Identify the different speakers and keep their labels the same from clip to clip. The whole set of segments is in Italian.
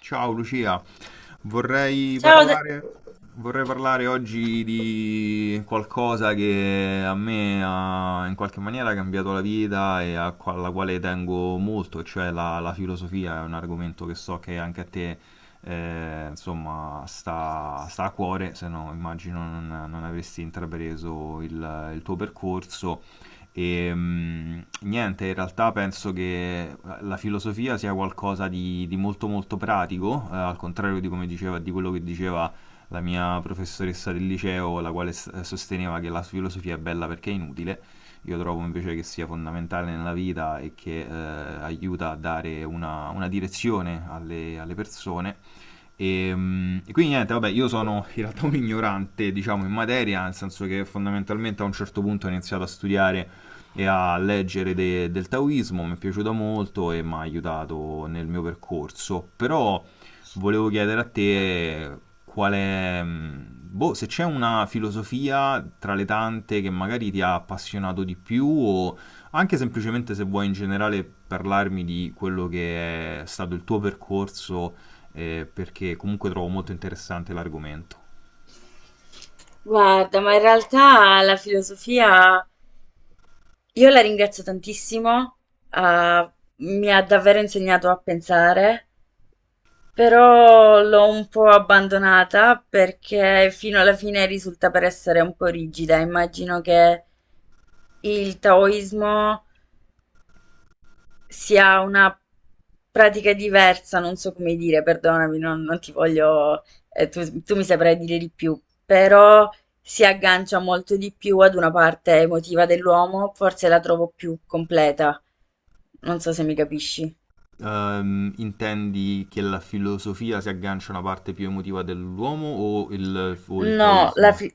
Speaker 1: Ciao Lucia, vorrei
Speaker 2: Ciao,
Speaker 1: parlare, vorrei parlare oggi di qualcosa che a me ha in qualche maniera cambiato la vita e alla quale tengo molto, cioè la filosofia è un argomento che so che anche a te insomma sta a cuore, se no immagino non avresti intrapreso il tuo percorso. E niente, in realtà penso che la filosofia sia qualcosa di molto molto pratico, al contrario di come diceva, di quello che diceva la mia professoressa del liceo, la quale sosteneva che la filosofia è bella perché è inutile. Io trovo invece che sia fondamentale nella vita e che aiuta a dare una direzione alle persone e, e quindi niente, vabbè, io sono in realtà un ignorante, diciamo, in materia, nel senso che fondamentalmente a un certo punto ho iniziato a studiare e a leggere del taoismo, mi è piaciuto molto e mi ha aiutato nel mio percorso, però volevo chiedere a te qual è, boh, se c'è una filosofia tra le tante che magari ti ha appassionato di più o anche semplicemente se vuoi in generale parlarmi di quello che è stato il tuo percorso, perché comunque trovo molto interessante l'argomento.
Speaker 2: guarda, ma in realtà la filosofia io la ringrazio tantissimo, ah, mi ha davvero insegnato a pensare, però l'ho un po' abbandonata perché fino alla fine risulta per essere un po' rigida. Immagino che il taoismo si ha una pratica diversa, non so come dire, perdonami, non ti voglio, tu mi saprai dire di più, però si aggancia molto di più ad una parte emotiva dell'uomo, forse la trovo più completa. Non so se mi capisci.
Speaker 1: Intendi che la filosofia si aggancia a una parte più emotiva dell'uomo o il
Speaker 2: No.
Speaker 1: taoismo?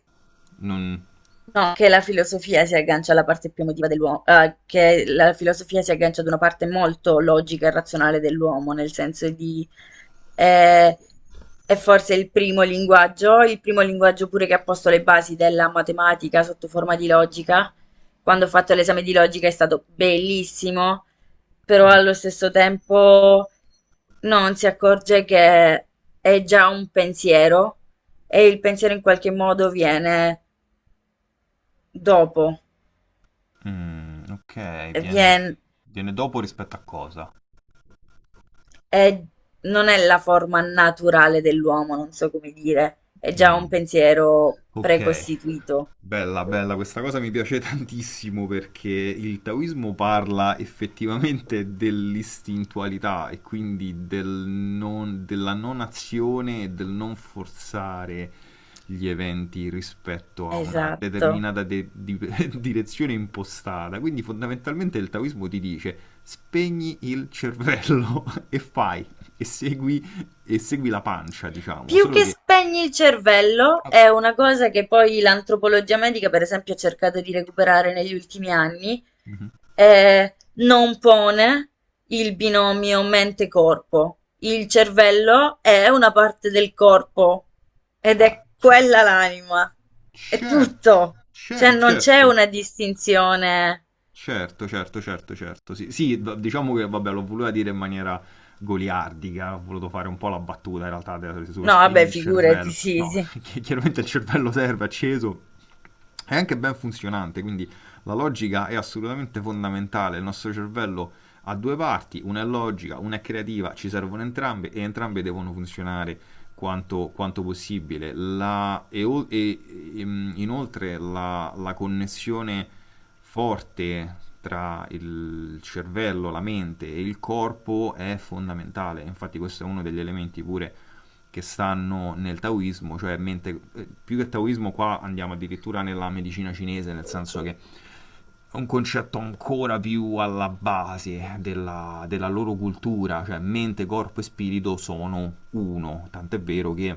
Speaker 1: Non...
Speaker 2: No, che la filosofia si aggancia alla parte più emotiva dell'uomo, che la filosofia si aggancia ad una parte molto logica e razionale dell'uomo, nel senso di eh, è forse il primo linguaggio pure che ha posto le basi della matematica sotto forma di logica. Quando ho fatto l'esame di logica è stato bellissimo, però allo stesso tempo non si accorge che è già un pensiero e il pensiero in qualche modo viene dopo.
Speaker 1: Ok,
Speaker 2: vien-
Speaker 1: viene dopo rispetto a cosa?
Speaker 2: è- Non è la forma naturale dell'uomo, non so come dire, è già un
Speaker 1: Mm,
Speaker 2: pensiero
Speaker 1: ok.
Speaker 2: precostituito.
Speaker 1: Bella, bella, questa cosa mi piace tantissimo perché il taoismo parla effettivamente dell'istintualità e quindi della non azione e del non forzare gli eventi rispetto a una
Speaker 2: Esatto.
Speaker 1: determinata direzione impostata. Quindi fondamentalmente il taoismo ti dice spegni il cervello e fai, e segui, e segui la pancia, diciamo,
Speaker 2: Più
Speaker 1: solo
Speaker 2: che
Speaker 1: che...
Speaker 2: spegni il cervello,
Speaker 1: Ah.
Speaker 2: è una cosa che poi l'antropologia medica, per esempio, ha cercato di recuperare negli ultimi anni,
Speaker 1: Mhm.
Speaker 2: non pone il binomio mente-corpo. Il cervello è una parte del corpo ed
Speaker 1: Ah,
Speaker 2: è quella
Speaker 1: certo.
Speaker 2: l'anima. È
Speaker 1: Certo,
Speaker 2: tutto. Cioè non c'è
Speaker 1: certo,
Speaker 2: una distinzione.
Speaker 1: certo, certo, certo, certo. Sì, sì, diciamo che vabbè, l'ho voluta dire in maniera goliardica, ho voluto fare un po' la battuta in realtà sullo
Speaker 2: No,
Speaker 1: spegni
Speaker 2: vabbè,
Speaker 1: il
Speaker 2: figurati,
Speaker 1: cervello.
Speaker 2: sì,
Speaker 1: No,
Speaker 2: sì.
Speaker 1: chiaramente il cervello serve, è acceso, è anche ben funzionante, quindi la logica è assolutamente fondamentale. Il nostro cervello ha due parti, una è logica, una è creativa, ci servono entrambe e entrambe devono funzionare quanto, quanto possibile. Inoltre la connessione forte tra il cervello, la mente e il corpo è fondamentale. Infatti questo è uno degli elementi pure che stanno nel taoismo, più che taoismo qua andiamo addirittura nella medicina cinese, nel senso che un concetto ancora più alla base della loro cultura, cioè mente, corpo e spirito sono uno, tant'è vero che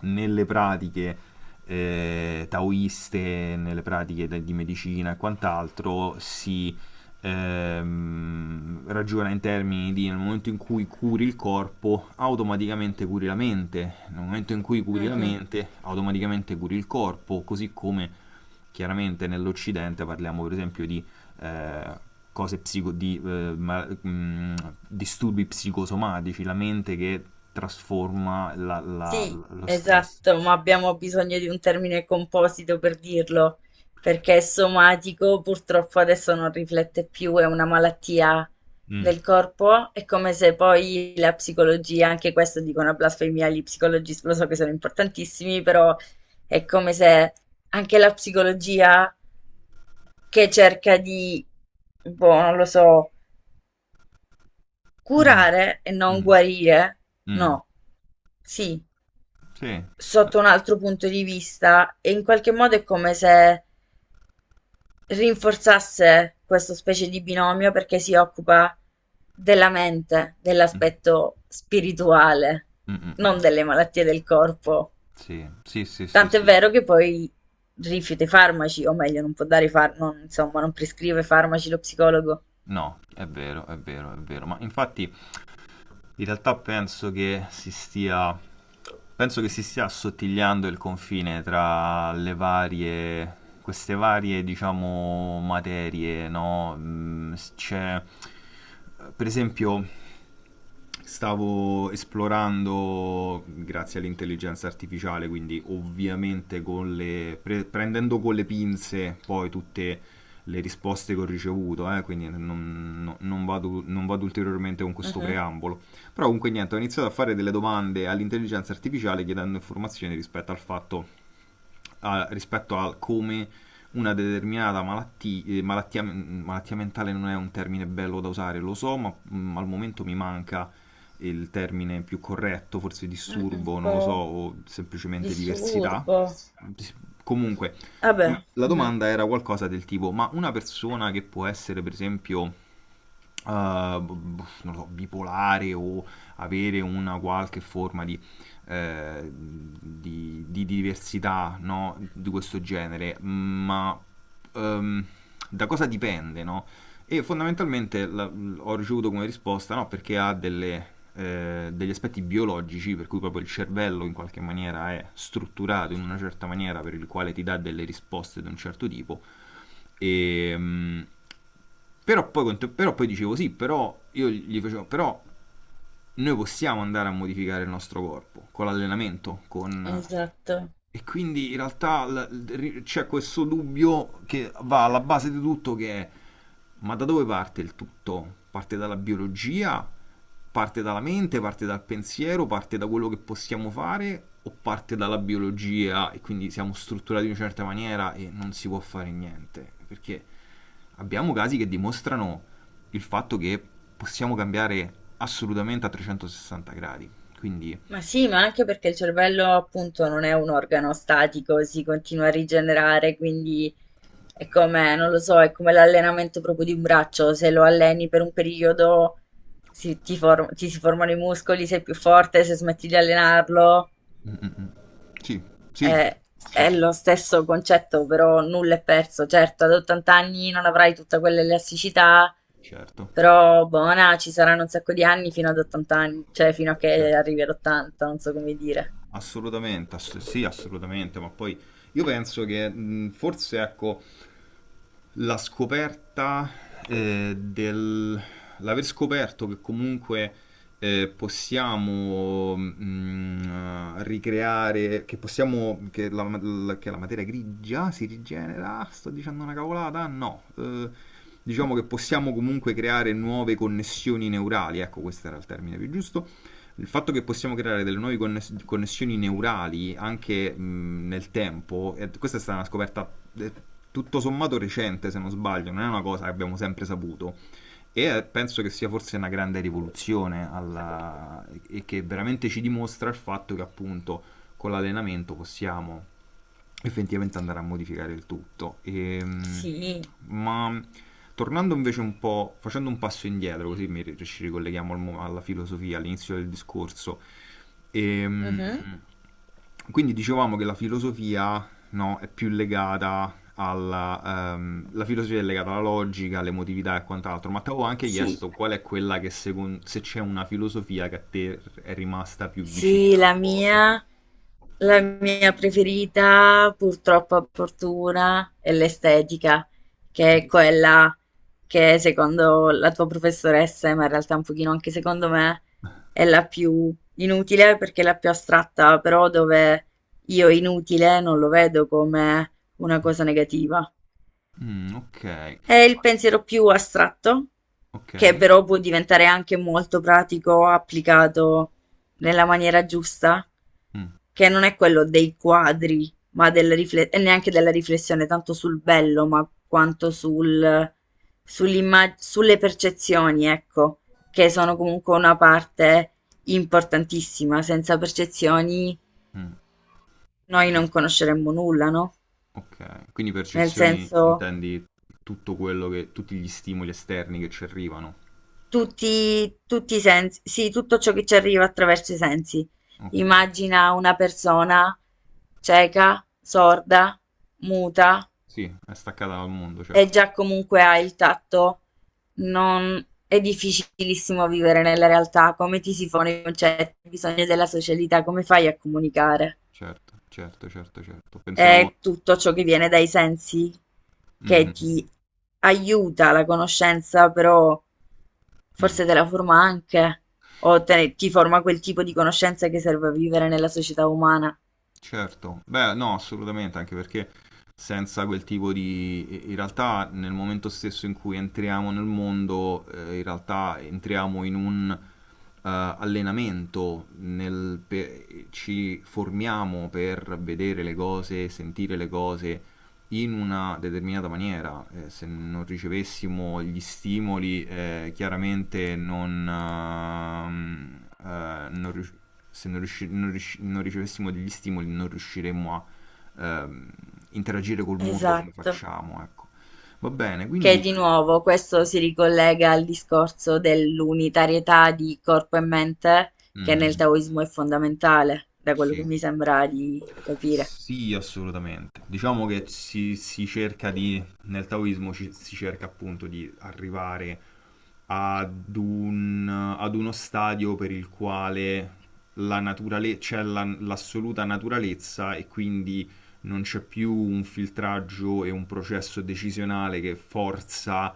Speaker 1: nelle pratiche taoiste, nelle pratiche di medicina e quant'altro si, ragiona in termini di nel momento in cui curi il corpo, automaticamente curi la mente, nel momento in cui curi la
Speaker 2: Mhm.
Speaker 1: mente, automaticamente curi il corpo, così come chiaramente nell'Occidente parliamo per esempio di eh, cose psico- di, ma- disturbi psicosomatici, la mente che trasforma
Speaker 2: Sì,
Speaker 1: lo stress.
Speaker 2: esatto, ma abbiamo bisogno di un termine composito per dirlo, perché somatico purtroppo adesso non riflette più, è una malattia
Speaker 1: Mm,
Speaker 2: del corpo, è come se poi la psicologia, anche questo dico una blasfemia, gli psicologisti lo so che sono importantissimi, però è come se anche la psicologia che cerca di, boh, non lo so,
Speaker 1: mm,
Speaker 2: curare e non
Speaker 1: mm,
Speaker 2: guarire,
Speaker 1: mm,
Speaker 2: no, sì.
Speaker 1: Sì.
Speaker 2: Sotto un altro punto di vista e in qualche modo è come se rinforzasse questa specie di binomio perché si occupa della mente,
Speaker 1: Mm,
Speaker 2: dell'aspetto spirituale,
Speaker 1: mm, mm,
Speaker 2: non
Speaker 1: mm.
Speaker 2: delle malattie del corpo.
Speaker 1: Sì, sì, sì, sì,
Speaker 2: Tant'è
Speaker 1: sì.
Speaker 2: vero che poi rifiuta i farmaci, o meglio, non può dare i farmaci, non, insomma, non prescrive farmaci lo psicologo.
Speaker 1: No, è vero, è vero, è vero. Ma infatti in realtà penso che si stia, penso che si stia assottigliando il confine tra le varie, queste varie, diciamo, materie, no? C'è, per esempio, stavo esplorando, grazie all'intelligenza artificiale, quindi ovviamente con le, prendendo con le pinze poi tutte le risposte che ho ricevuto, quindi non vado, non vado ulteriormente con questo
Speaker 2: Mhm.
Speaker 1: preambolo, però comunque niente, ho iniziato a fare delle domande all'intelligenza artificiale chiedendo informazioni rispetto al fatto, a, rispetto a come una determinata malattia, malattia mentale non è un termine bello da usare, lo so, ma al momento mi manca il termine più corretto, forse
Speaker 2: Un
Speaker 1: disturbo, non lo so,
Speaker 2: po'
Speaker 1: o semplicemente diversità.
Speaker 2: disturbo.
Speaker 1: Comunque,
Speaker 2: Vabbè,
Speaker 1: la
Speaker 2: mhm,
Speaker 1: domanda era qualcosa del tipo, ma una persona che può essere, per esempio, non lo so, bipolare o avere una qualche forma di diversità, no? Di questo genere, ma, ehm, da cosa dipende? No? E fondamentalmente ho ricevuto come risposta no, perché ha degli aspetti biologici, per cui proprio il cervello in qualche maniera è strutturato in una certa maniera per il quale ti dà delle risposte di un certo tipo. E, però, poi, però poi dicevo sì, però io gli facevo, però noi possiamo andare a modificare il nostro corpo con l'allenamento, con,
Speaker 2: esatto.
Speaker 1: e quindi in realtà c'è questo dubbio che va alla base di tutto che è ma da dove parte il tutto? Parte dalla biologia? Parte dalla mente? Parte dal pensiero? Parte da quello che possiamo fare? O parte dalla biologia e quindi siamo strutturati in una certa maniera e non si può fare niente? Perché abbiamo casi che dimostrano il fatto che possiamo cambiare assolutamente a 360 gradi. Quindi
Speaker 2: Ma sì, ma anche perché il cervello appunto non è un organo statico, si continua a rigenerare, quindi è come, non lo so, è come l'allenamento proprio di un braccio, se lo alleni per un periodo ti si formano i muscoli, sei più forte, se smetti di allenarlo
Speaker 1: mm, mm, mm. sì, sì,
Speaker 2: è, è
Speaker 1: ass-
Speaker 2: lo stesso concetto, però nulla è perso. Certo, ad 80 anni non avrai tutta quell'elasticità,
Speaker 1: certo,
Speaker 2: però buona, ci saranno un sacco di anni fino ad 80 anni, cioè fino a che
Speaker 1: certo.
Speaker 2: arrivi ad 80, non so come dire.
Speaker 1: Assolutamente, sì, assolutamente, ma poi io penso che forse ecco la scoperta, del l'aver scoperto che comunque, possiamo ricreare, che possiamo che la, la- che la materia grigia si rigenera, sto dicendo una cavolata? No, diciamo che possiamo comunque creare nuove connessioni neurali, ecco, questo era il termine più giusto. Il fatto che
Speaker 2: Mhm.
Speaker 1: possiamo creare delle nuove connessioni neurali anche nel tempo, e questa è stata una scoperta eh, tutto sommato recente, se non sbaglio, non è una cosa che abbiamo sempre saputo, e penso che sia forse una grande rivoluzione che veramente ci dimostra il fatto che appunto con l'allenamento possiamo effettivamente andare a modificare il tutto.
Speaker 2: Sì.
Speaker 1: Ma tornando invece un po', facendo un passo indietro, così mi, ci ricolleghiamo al alla filosofia, all'inizio del discorso. Ehm,
Speaker 2: Mhm.
Speaker 1: quindi dicevamo che la filosofia, no, è più legata alla... la filosofia è legata alla logica, all'emotività e quant'altro, ma ti avevo anche
Speaker 2: Sì.
Speaker 1: chiesto qual è quella che secondo... se c'è una filosofia che a te è rimasta più
Speaker 2: Sì,
Speaker 1: vicina al
Speaker 2: la
Speaker 1: cuore.
Speaker 2: mia, la mia preferita, purtroppo a fortuna, è l'estetica, che è quella che secondo la tua professoressa, ma in realtà un pochino anche secondo me, è la più inutile perché è la più astratta, però dove io inutile non lo vedo come una cosa negativa.
Speaker 1: Ok.
Speaker 2: È il pensiero più astratto, che
Speaker 1: Ok.
Speaker 2: però può diventare anche molto pratico applicato nella maniera giusta,
Speaker 1: Mm,
Speaker 2: che non è quello dei quadri, ma e neanche della riflessione tanto sul bello, ma quanto sulle percezioni, ecco, che sono comunque una parte importantissima. Senza percezioni
Speaker 1: mm.
Speaker 2: noi
Speaker 1: Eh,
Speaker 2: non conosceremmo nulla, no?
Speaker 1: ok. Quindi
Speaker 2: Nel
Speaker 1: percezioni
Speaker 2: senso,
Speaker 1: intendi tutto quello che, tutti gli stimoli esterni che ci arrivano.
Speaker 2: tutti i sensi, sì, tutto ciò che ci arriva attraverso i sensi.
Speaker 1: Ok.
Speaker 2: Immagina una persona cieca, sorda, muta
Speaker 1: Sì, è staccata dal mondo,
Speaker 2: e
Speaker 1: certo.
Speaker 2: già comunque ha il tatto. Non. È difficilissimo vivere nella realtà, come ti si fanno i concetti, i bisogni della socialità, come fai a comunicare?
Speaker 1: Certo, certo, certo, certo. Pensavo...
Speaker 2: È tutto ciò che viene dai sensi,
Speaker 1: Mhm,
Speaker 2: che
Speaker 1: mm.
Speaker 2: ti aiuta la conoscenza, però
Speaker 1: mm.
Speaker 2: forse te la forma anche, o ti forma quel tipo di conoscenza che serve a vivere nella società umana.
Speaker 1: Certo, beh, no, assolutamente, anche perché senza quel tipo di... in realtà nel momento stesso in cui entriamo nel mondo, in realtà entriamo in un allenamento, nel... ci formiamo per vedere le cose, sentire le cose in una determinata maniera. Se non ricevessimo gli stimoli, chiaramente non, non rius- se non, riusci- non riusci- non ricevessimo degli stimoli, non riusciremmo a, ehm, interagire col mondo come
Speaker 2: Esatto.
Speaker 1: facciamo, ecco. Va bene,
Speaker 2: Che
Speaker 1: quindi...
Speaker 2: di nuovo questo si ricollega al discorso dell'unitarietà di corpo e mente, che nel
Speaker 1: Mhm.
Speaker 2: taoismo è fondamentale, da quello che
Speaker 1: Sì.
Speaker 2: mi sembra di capire.
Speaker 1: Sì, assolutamente. Diciamo che si cerca di, nel taoismo si cerca appunto di arrivare ad un, ad uno stadio per il quale c'è l'assoluta naturalezza e quindi non c'è più un filtraggio e un processo decisionale che forza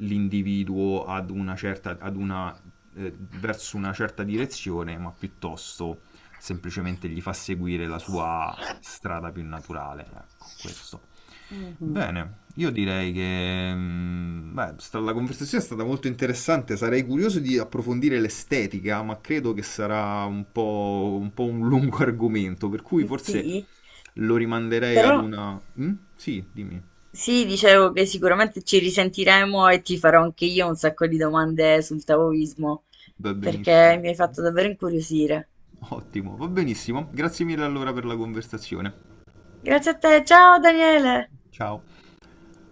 Speaker 1: l'individuo ad una certa, ad una, verso una certa direzione, ma piuttosto semplicemente gli fa seguire la sua strada più naturale. Ecco, questo.
Speaker 2: Mhm.
Speaker 1: Bene, io direi che beh, la conversazione è stata molto interessante, sarei curioso di approfondire l'estetica, ma credo che sarà un po', un po' un lungo argomento, per cui forse
Speaker 2: Sì,
Speaker 1: lo rimanderei
Speaker 2: però
Speaker 1: ad una... Mm? Sì, dimmi,
Speaker 2: sì, dicevo che sicuramente ci risentiremo e ti farò anche io un sacco di domande sul taoismo,
Speaker 1: va
Speaker 2: perché
Speaker 1: benissimo.
Speaker 2: mi hai fatto davvero incuriosire.
Speaker 1: Ottimo, va benissimo. Grazie mille allora per la conversazione.
Speaker 2: Grazie a te, ciao Daniele!
Speaker 1: Ciao.